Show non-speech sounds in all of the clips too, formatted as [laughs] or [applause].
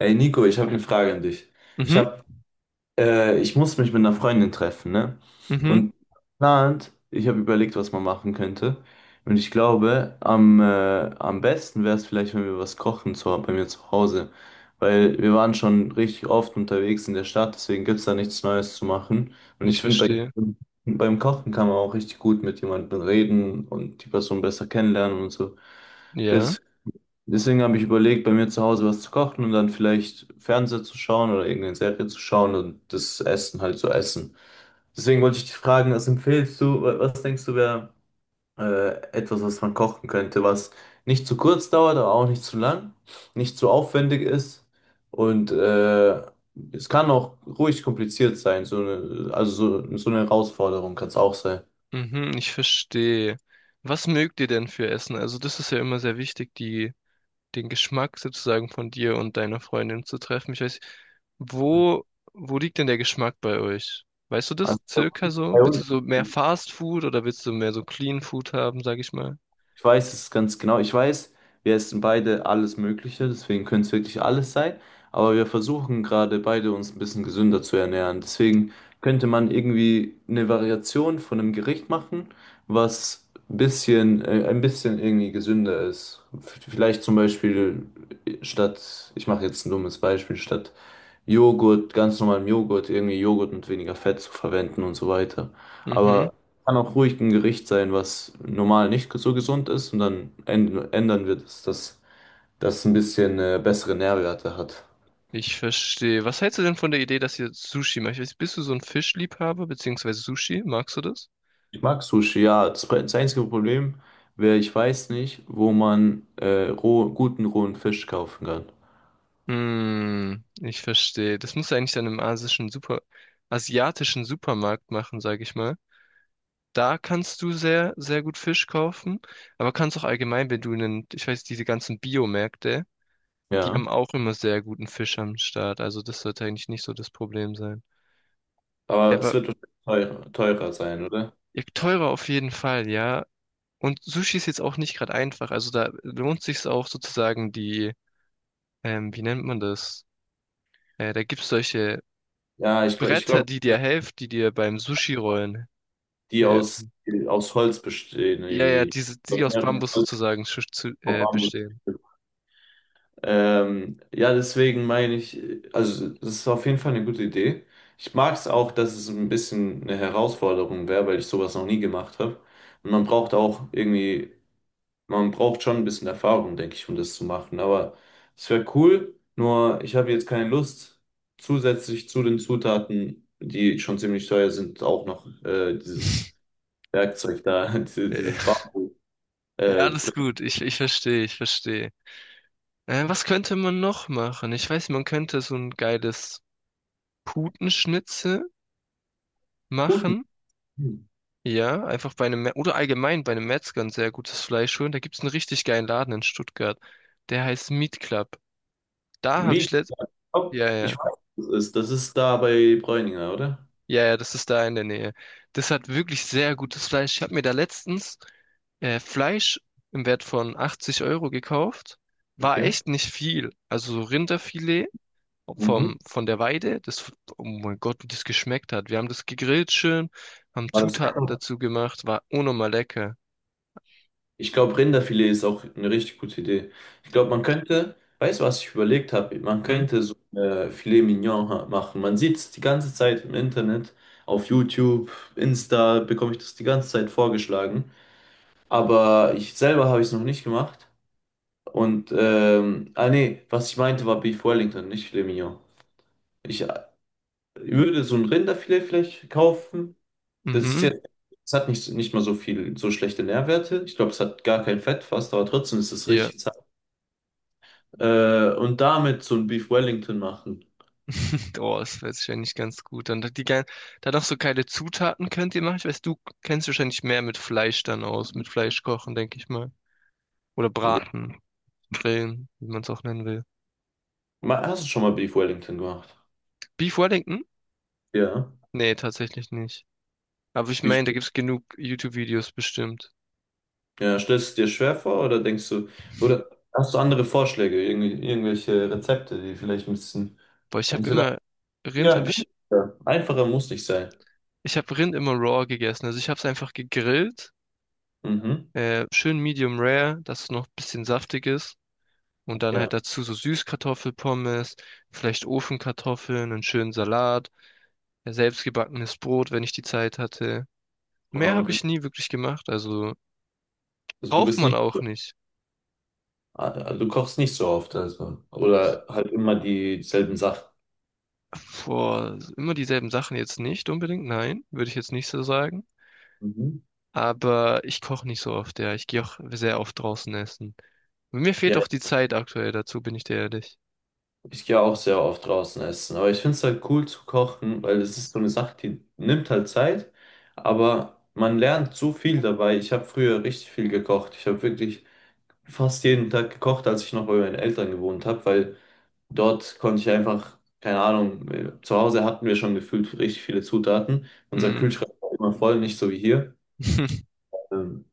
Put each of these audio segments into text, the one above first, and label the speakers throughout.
Speaker 1: Ey Nico, ich habe eine Frage an dich. Ich
Speaker 2: Mhm,
Speaker 1: habe, ich muss mich mit einer Freundin treffen, ne?
Speaker 2: mhm,
Speaker 1: Und ich habe überlegt, was man machen könnte. Und ich glaube, am besten wäre es vielleicht, wenn wir was kochen bei mir zu Hause. Weil wir waren schon richtig oft unterwegs in der Stadt, deswegen gibt es da nichts Neues zu machen. Und
Speaker 2: ich
Speaker 1: ich finde,
Speaker 2: verstehe.
Speaker 1: beim Kochen kann man auch richtig gut mit jemandem reden und die Person besser kennenlernen und so.
Speaker 2: Ja,
Speaker 1: Deswegen habe ich überlegt, bei mir zu Hause was zu kochen und dann vielleicht Fernseher zu schauen oder irgendeine Serie zu schauen und das Essen halt zu essen. Deswegen wollte ich dich fragen, was empfiehlst du, was denkst du wäre etwas, was man kochen könnte, was nicht zu kurz dauert, aber auch nicht zu lang, nicht zu aufwendig ist und es kann auch ruhig kompliziert sein, so eine Herausforderung kann es auch sein.
Speaker 2: mhm, ich verstehe. Was mögt ihr denn für Essen? Also das ist ja immer sehr wichtig, den Geschmack sozusagen von dir und deiner Freundin zu treffen. Ich weiß, wo, wo liegt denn der Geschmack bei euch? Weißt du
Speaker 1: Also,
Speaker 2: das circa
Speaker 1: bei
Speaker 2: so? Willst
Speaker 1: uns.
Speaker 2: du so mehr Fast Food oder willst du mehr so Clean Food haben, sag ich mal?
Speaker 1: Ich weiß es ganz genau. Ich weiß, wir essen beide alles Mögliche, deswegen könnte es wirklich alles sein. Aber wir versuchen gerade beide uns ein bisschen gesünder zu ernähren. Deswegen könnte man irgendwie eine Variation von einem Gericht machen, was ein bisschen irgendwie gesünder ist. Vielleicht zum Beispiel statt, ich mache jetzt ein dummes Beispiel, statt Joghurt, ganz normalen Joghurt, irgendwie Joghurt mit weniger Fett zu verwenden und so weiter.
Speaker 2: Mhm,
Speaker 1: Aber kann auch ruhig ein Gericht sein, was normal nicht so gesund ist und dann ändern wir das, dass das ein bisschen bessere Nährwerte hat.
Speaker 2: ich verstehe. Was hältst du denn von der Idee, dass ihr Sushi macht? Ich weiß, bist du so ein Fischliebhaber beziehungsweise Sushi? Magst du das?
Speaker 1: Ich mag Sushi, ja. Das einzige Problem wäre, ich weiß nicht, wo man guten rohen Fisch kaufen kann.
Speaker 2: Hm, ich verstehe. Das musst du eigentlich dann im asiatischen Supermarkt machen, sage ich mal. Da kannst du sehr, sehr gut Fisch kaufen, aber kannst auch allgemein, wenn du einen, ich weiß, diese ganzen Biomärkte, die haben
Speaker 1: Ja,
Speaker 2: auch immer sehr guten Fisch am Start. Also das sollte eigentlich nicht so das Problem sein. Ja,
Speaker 1: aber es
Speaker 2: aber
Speaker 1: wird wahrscheinlich teurer sein, oder?
Speaker 2: ja, teurer auf jeden Fall, ja. Und Sushi ist jetzt auch nicht gerade einfach. Also da lohnt sich's auch sozusagen die, wie nennt man das? Da gibt's solche
Speaker 1: Ja, ich
Speaker 2: Bretter,
Speaker 1: glaube,
Speaker 2: die dir beim Sushi rollen
Speaker 1: die aus,
Speaker 2: helfen.
Speaker 1: aus Holz bestehen
Speaker 2: Ja, ja,
Speaker 1: irgendwie.
Speaker 2: diese, die aus Bambus sozusagen zu, zu,
Speaker 1: Auf
Speaker 2: äh,
Speaker 1: Armut.
Speaker 2: bestehen.
Speaker 1: Ja, deswegen meine ich, also das ist auf jeden Fall eine gute Idee. Ich mag es auch, dass es ein bisschen eine Herausforderung wäre, weil ich sowas noch nie gemacht habe. Und man braucht auch irgendwie, man braucht schon ein bisschen Erfahrung, denke ich, um das zu machen. Aber es wäre cool, nur ich habe jetzt keine Lust, zusätzlich zu den Zutaten, die schon ziemlich teuer sind, auch noch dieses
Speaker 2: [laughs]
Speaker 1: Werkzeug da, [laughs]
Speaker 2: Äh,
Speaker 1: dieses Bamboo,
Speaker 2: Ja,
Speaker 1: äh,
Speaker 2: alles gut, ich verstehe, ich verstehe. Was könnte man noch machen? Ich weiß, man könnte so ein geiles Putenschnitzel
Speaker 1: Puten.
Speaker 2: machen. Ja, einfach oder allgemein bei einem Metzger ein sehr gutes Fleisch holen. Da gibt es einen richtig geilen Laden in Stuttgart. Der heißt Meat Club. Da habe ich letzt,
Speaker 1: Oh,
Speaker 2: ja,
Speaker 1: ich
Speaker 2: ja.
Speaker 1: weiß, was das ist. Das ist da bei Bräuninger, oder?
Speaker 2: Ja, ja, das ist da in der Nähe. Das hat wirklich sehr gutes Fleisch. Ich habe mir da letztens Fleisch im Wert von 80 € gekauft. War
Speaker 1: Okay.
Speaker 2: echt nicht viel. Also so Rinderfilet
Speaker 1: Mhm.
Speaker 2: von der Weide. Das, oh mein Gott, wie das geschmeckt hat. Wir haben das gegrillt schön, haben
Speaker 1: War das?
Speaker 2: Zutaten dazu gemacht. War unnormal lecker.
Speaker 1: Ich glaube, Rinderfilet ist auch eine richtig gute Idee. Ich glaube, man könnte, weißt du, was ich überlegt habe? Man
Speaker 2: Hm?
Speaker 1: könnte so Filet Mignon machen. Man sieht es die ganze Zeit im Internet, auf YouTube, Insta bekomme ich das die ganze Zeit vorgeschlagen. Aber ich selber habe ich es noch nicht gemacht. Und, nee, was ich meinte war Beef Wellington, nicht Filet Mignon. Ich würde so ein Rinderfilet vielleicht kaufen. Das ist
Speaker 2: Mhm.
Speaker 1: jetzt, es hat nicht mal so viel, so schlechte Nährwerte. Ich glaube, es hat gar kein Fett fast, aber trotzdem ist es
Speaker 2: Ja.
Speaker 1: richtig zart. Und damit so ein Beef Wellington machen.
Speaker 2: [laughs] Oh, das weiß ich ja nicht ganz gut. Dann noch so geile Zutaten könnt ihr machen. Ich weiß, du kennst dich wahrscheinlich mehr mit Fleisch dann aus, mit Fleisch kochen, denke ich. Oder braten, grillen, wie man es auch nennen will.
Speaker 1: Hast du schon mal Beef Wellington gemacht?
Speaker 2: Beef Wellington?
Speaker 1: Ja.
Speaker 2: Nee, tatsächlich nicht. Aber ich
Speaker 1: Wie, sch-
Speaker 2: meine, da gibt's genug YouTube-Videos bestimmt.
Speaker 1: ja, stellst du es dir schwer vor oder denkst du, oder hast du andere Vorschläge, irgendwelche Rezepte, die vielleicht ein bisschen
Speaker 2: Boah,
Speaker 1: entweder
Speaker 2: Rind
Speaker 1: ja,
Speaker 2: habe ich
Speaker 1: günstiger, einfacher muss nicht sein.
Speaker 2: ich habe Rind immer raw gegessen. Also ich habe es einfach gegrillt,
Speaker 1: Mhm.
Speaker 2: schön medium rare, dass es noch ein bisschen saftig ist und dann
Speaker 1: Ja.
Speaker 2: halt dazu so Süßkartoffelpommes, vielleicht Ofenkartoffeln, einen schönen Salat, selbstgebackenes Brot, wenn ich die Zeit hatte. Mehr
Speaker 1: Wow,
Speaker 2: habe ich
Speaker 1: richtig.
Speaker 2: nie wirklich gemacht, also
Speaker 1: Also du
Speaker 2: braucht
Speaker 1: bist
Speaker 2: man
Speaker 1: nicht,
Speaker 2: auch nicht.
Speaker 1: du kochst nicht so oft, also. Oder halt immer dieselben Sachen.
Speaker 2: Vor immer dieselben Sachen jetzt nicht unbedingt, nein, würde ich jetzt nicht so sagen.
Speaker 1: Mhm.
Speaker 2: Aber ich koche nicht so oft, ja. Ich gehe auch sehr oft draußen essen. Mir fehlt
Speaker 1: Ja,
Speaker 2: auch die Zeit aktuell dazu, bin ich dir ehrlich.
Speaker 1: ich gehe auch sehr oft draußen essen, aber ich finde es halt cool zu kochen, weil es ist so eine Sache, die nimmt halt Zeit, aber man lernt so viel dabei. Ich habe früher richtig viel gekocht. Ich habe wirklich fast jeden Tag gekocht, als ich noch bei meinen Eltern gewohnt habe, weil dort konnte ich einfach, keine Ahnung, zu Hause hatten wir schon gefühlt richtig viele Zutaten. Unser
Speaker 2: Hm.
Speaker 1: Kühlschrank war immer voll, nicht so wie hier.
Speaker 2: [laughs]
Speaker 1: Ähm,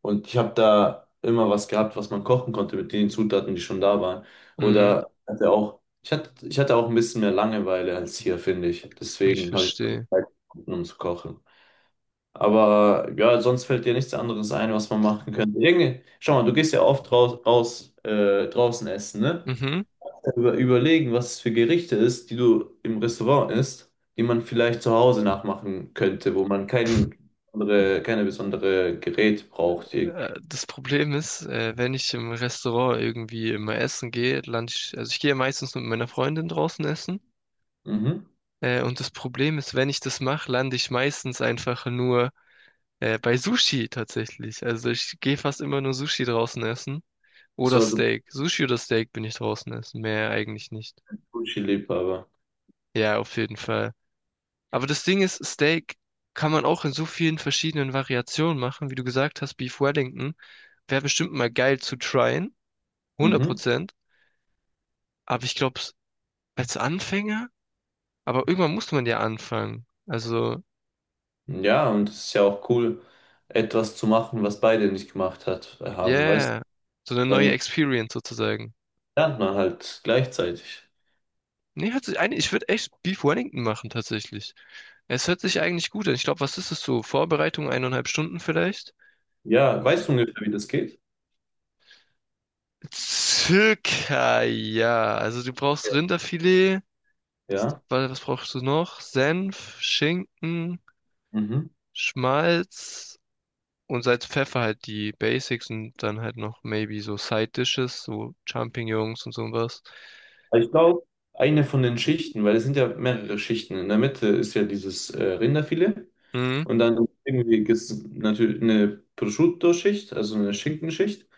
Speaker 1: Und ich habe da immer was gehabt, was man kochen konnte mit den Zutaten, die schon da waren.
Speaker 2: Hm,
Speaker 1: Oder hatte auch, ich hatte auch ein bisschen mehr Langeweile als hier, finde ich.
Speaker 2: ich
Speaker 1: Deswegen habe ich mal die
Speaker 2: verstehe.
Speaker 1: Zeit gefunden, um zu kochen. Aber ja, sonst fällt dir nichts anderes ein, was man machen könnte. Irgendwie, schau mal, du gehst ja oft raus, raus draußen essen, ne?
Speaker 2: Mhm.
Speaker 1: Überlegen, was es für Gerichte ist, die du im Restaurant isst, die man vielleicht zu Hause nachmachen könnte, wo man keine besondere Gerät braucht irgendwie.
Speaker 2: Das Problem ist, wenn ich im Restaurant irgendwie immer essen gehe, lande ich, also ich gehe meistens mit meiner Freundin draußen essen.
Speaker 1: Mhm.
Speaker 2: Und das Problem ist, wenn ich das mache, lande ich meistens einfach nur bei Sushi tatsächlich. Also ich gehe fast immer nur Sushi draußen essen. Oder
Speaker 1: So, also
Speaker 2: Steak. Sushi oder Steak bin ich draußen essen. Mehr eigentlich nicht.
Speaker 1: Gucci-Liebhaber.
Speaker 2: Ja, auf jeden Fall. Aber das Ding ist, Steak kann man auch in so vielen verschiedenen Variationen machen. Wie du gesagt hast, Beef Wellington wäre bestimmt mal geil zu tryen. hundert
Speaker 1: Mhm.
Speaker 2: Prozent. Aber ich glaube, als Anfänger, aber irgendwann muss man ja anfangen. Also,
Speaker 1: Ja, und es ist ja auch cool, etwas zu machen, was beide nicht gemacht haben, weißt du?
Speaker 2: yeah. So eine neue
Speaker 1: Dann
Speaker 2: Experience sozusagen.
Speaker 1: lernt man halt gleichzeitig.
Speaker 2: Nee, hört sich eigentlich, ich würde echt Beef Wellington machen tatsächlich. Es hört sich eigentlich gut an. Ich glaube, was ist es so? Vorbereitung 1,5 Stunden vielleicht?
Speaker 1: Ja, weißt du ungefähr, wie das geht?
Speaker 2: Circa, ja. Also du brauchst Rinderfilet.
Speaker 1: Ja.
Speaker 2: Was brauchst du noch? Senf, Schinken,
Speaker 1: Mhm.
Speaker 2: Schmalz und Salz, Pfeffer halt die Basics und dann halt noch maybe so Side Dishes, so Champignons und sowas.
Speaker 1: Aber ich glaube, eine von den Schichten, weil es sind ja mehrere Schichten. In der Mitte ist ja dieses Rinderfilet
Speaker 2: Mhm.
Speaker 1: und dann irgendwie gibt es natürlich eine Prosciutto-Schicht, also eine Schinkenschicht.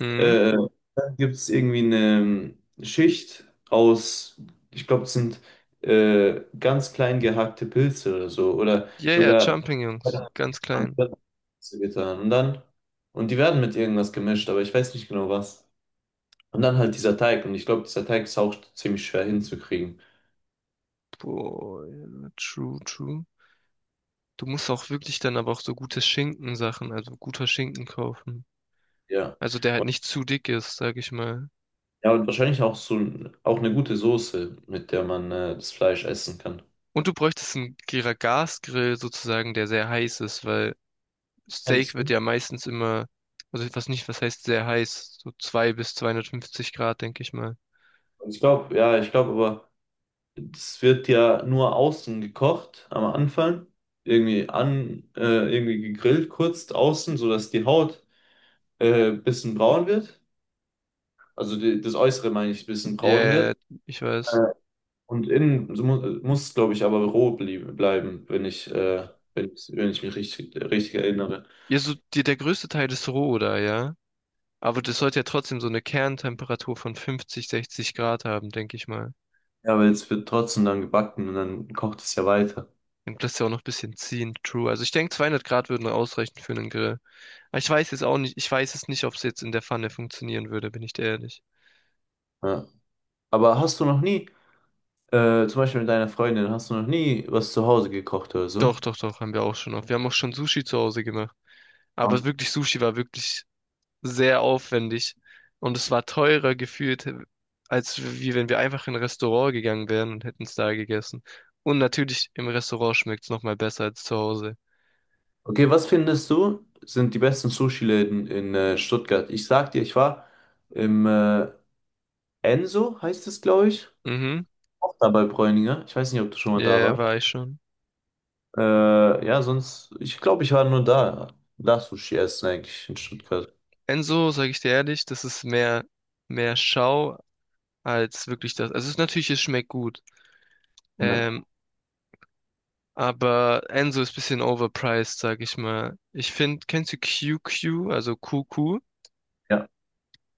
Speaker 2: Mhm.
Speaker 1: Äh, dann gibt es irgendwie eine Schicht aus, ich glaube, es sind ganz klein gehackte Pilze oder so. Oder
Speaker 2: Ja, ja,
Speaker 1: sogar
Speaker 2: Champignons. Ganz klein.
Speaker 1: Pilze getan. Und die werden mit irgendwas gemischt, aber ich weiß nicht genau was. Und dann halt dieser Teig. Und ich glaube, dieser Teig ist auch ziemlich schwer hinzukriegen.
Speaker 2: Boah, ja, true, true. Du musst auch wirklich dann aber auch so gute Schinkensachen, also guter Schinken kaufen.
Speaker 1: Ja.
Speaker 2: Also der halt nicht zu dick ist, sag ich mal.
Speaker 1: Ja, und wahrscheinlich auch auch eine gute Soße, mit der man das Fleisch essen kann.
Speaker 2: Und du bräuchtest einen Gasgrill sozusagen, der sehr heiß ist, weil Steak
Speaker 1: Meinst
Speaker 2: wird
Speaker 1: du?
Speaker 2: ja meistens immer, also was nicht, was heißt sehr heiß, so 2 bis 250 Grad, denke ich mal.
Speaker 1: Ich glaube, ja, ich glaube aber. Es wird ja nur außen gekocht am Anfang, irgendwie irgendwie gegrillt, kurz außen, sodass die Haut bisschen braun wird. Also das Äußere meine ich, bisschen
Speaker 2: Ja,
Speaker 1: braun
Speaker 2: yeah,
Speaker 1: wird.
Speaker 2: ich
Speaker 1: Äh,
Speaker 2: weiß.
Speaker 1: und innen so mu muss, glaube ich, aber roh bleiben, wenn ich mich richtig erinnere.
Speaker 2: Ja, so der größte Teil ist roh da, ja. Aber das sollte ja trotzdem so eine Kerntemperatur von 50, 60 Grad haben, denke ich mal.
Speaker 1: Ja, weil es wird trotzdem dann gebacken und dann kocht es ja weiter.
Speaker 2: Dann lässt ja auch noch ein bisschen ziehen. True. Also ich denke, 200 Grad würden ausreichen für einen Grill. Aber ich weiß jetzt auch nicht, ich weiß es nicht, ob es jetzt in der Pfanne funktionieren würde, bin ich dir ehrlich.
Speaker 1: Ja. Aber hast du noch nie, zum Beispiel mit deiner Freundin, hast du noch nie was zu Hause gekocht oder so?
Speaker 2: Doch, doch, doch, haben wir auch schon auf. Wir haben auch schon Sushi zu Hause gemacht. Aber wirklich, Sushi war wirklich sehr aufwendig. Und es war teurer gefühlt, als wie wenn wir einfach in ein Restaurant gegangen wären und hätten es da gegessen. Und natürlich, im Restaurant schmeckt es nochmal besser als zu Hause.
Speaker 1: Okay, was findest du, sind die besten Sushi-Läden in Stuttgart? Ich sag dir, ich war im Enso, heißt es, glaube ich.
Speaker 2: Mhm,
Speaker 1: Auch da bei Bräuninger. Ich weiß nicht, ob du schon mal da
Speaker 2: ja,
Speaker 1: warst.
Speaker 2: war ich schon.
Speaker 1: Ja, sonst, ich glaube, ich war nur da. Da Sushi essen eigentlich in Stuttgart.
Speaker 2: Enso, sage ich dir ehrlich, das ist mehr Schau als wirklich das. Also es ist natürlich, es schmeckt gut.
Speaker 1: Ja.
Speaker 2: Ähm, aber Enzo ist ein bisschen overpriced, sag ich mal. Ich finde, kennst du QQ, also QQ?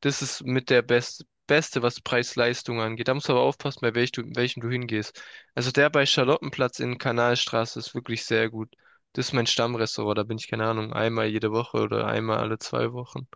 Speaker 2: Das ist mit der Beste, was Preis-Leistung angeht. Da musst du aber aufpassen, welchem du hingehst. Also der bei Charlottenplatz in Kanalstraße ist wirklich sehr gut. Das ist mein Stammrestaurant, da bin ich, keine Ahnung, einmal jede Woche oder einmal alle 2 Wochen.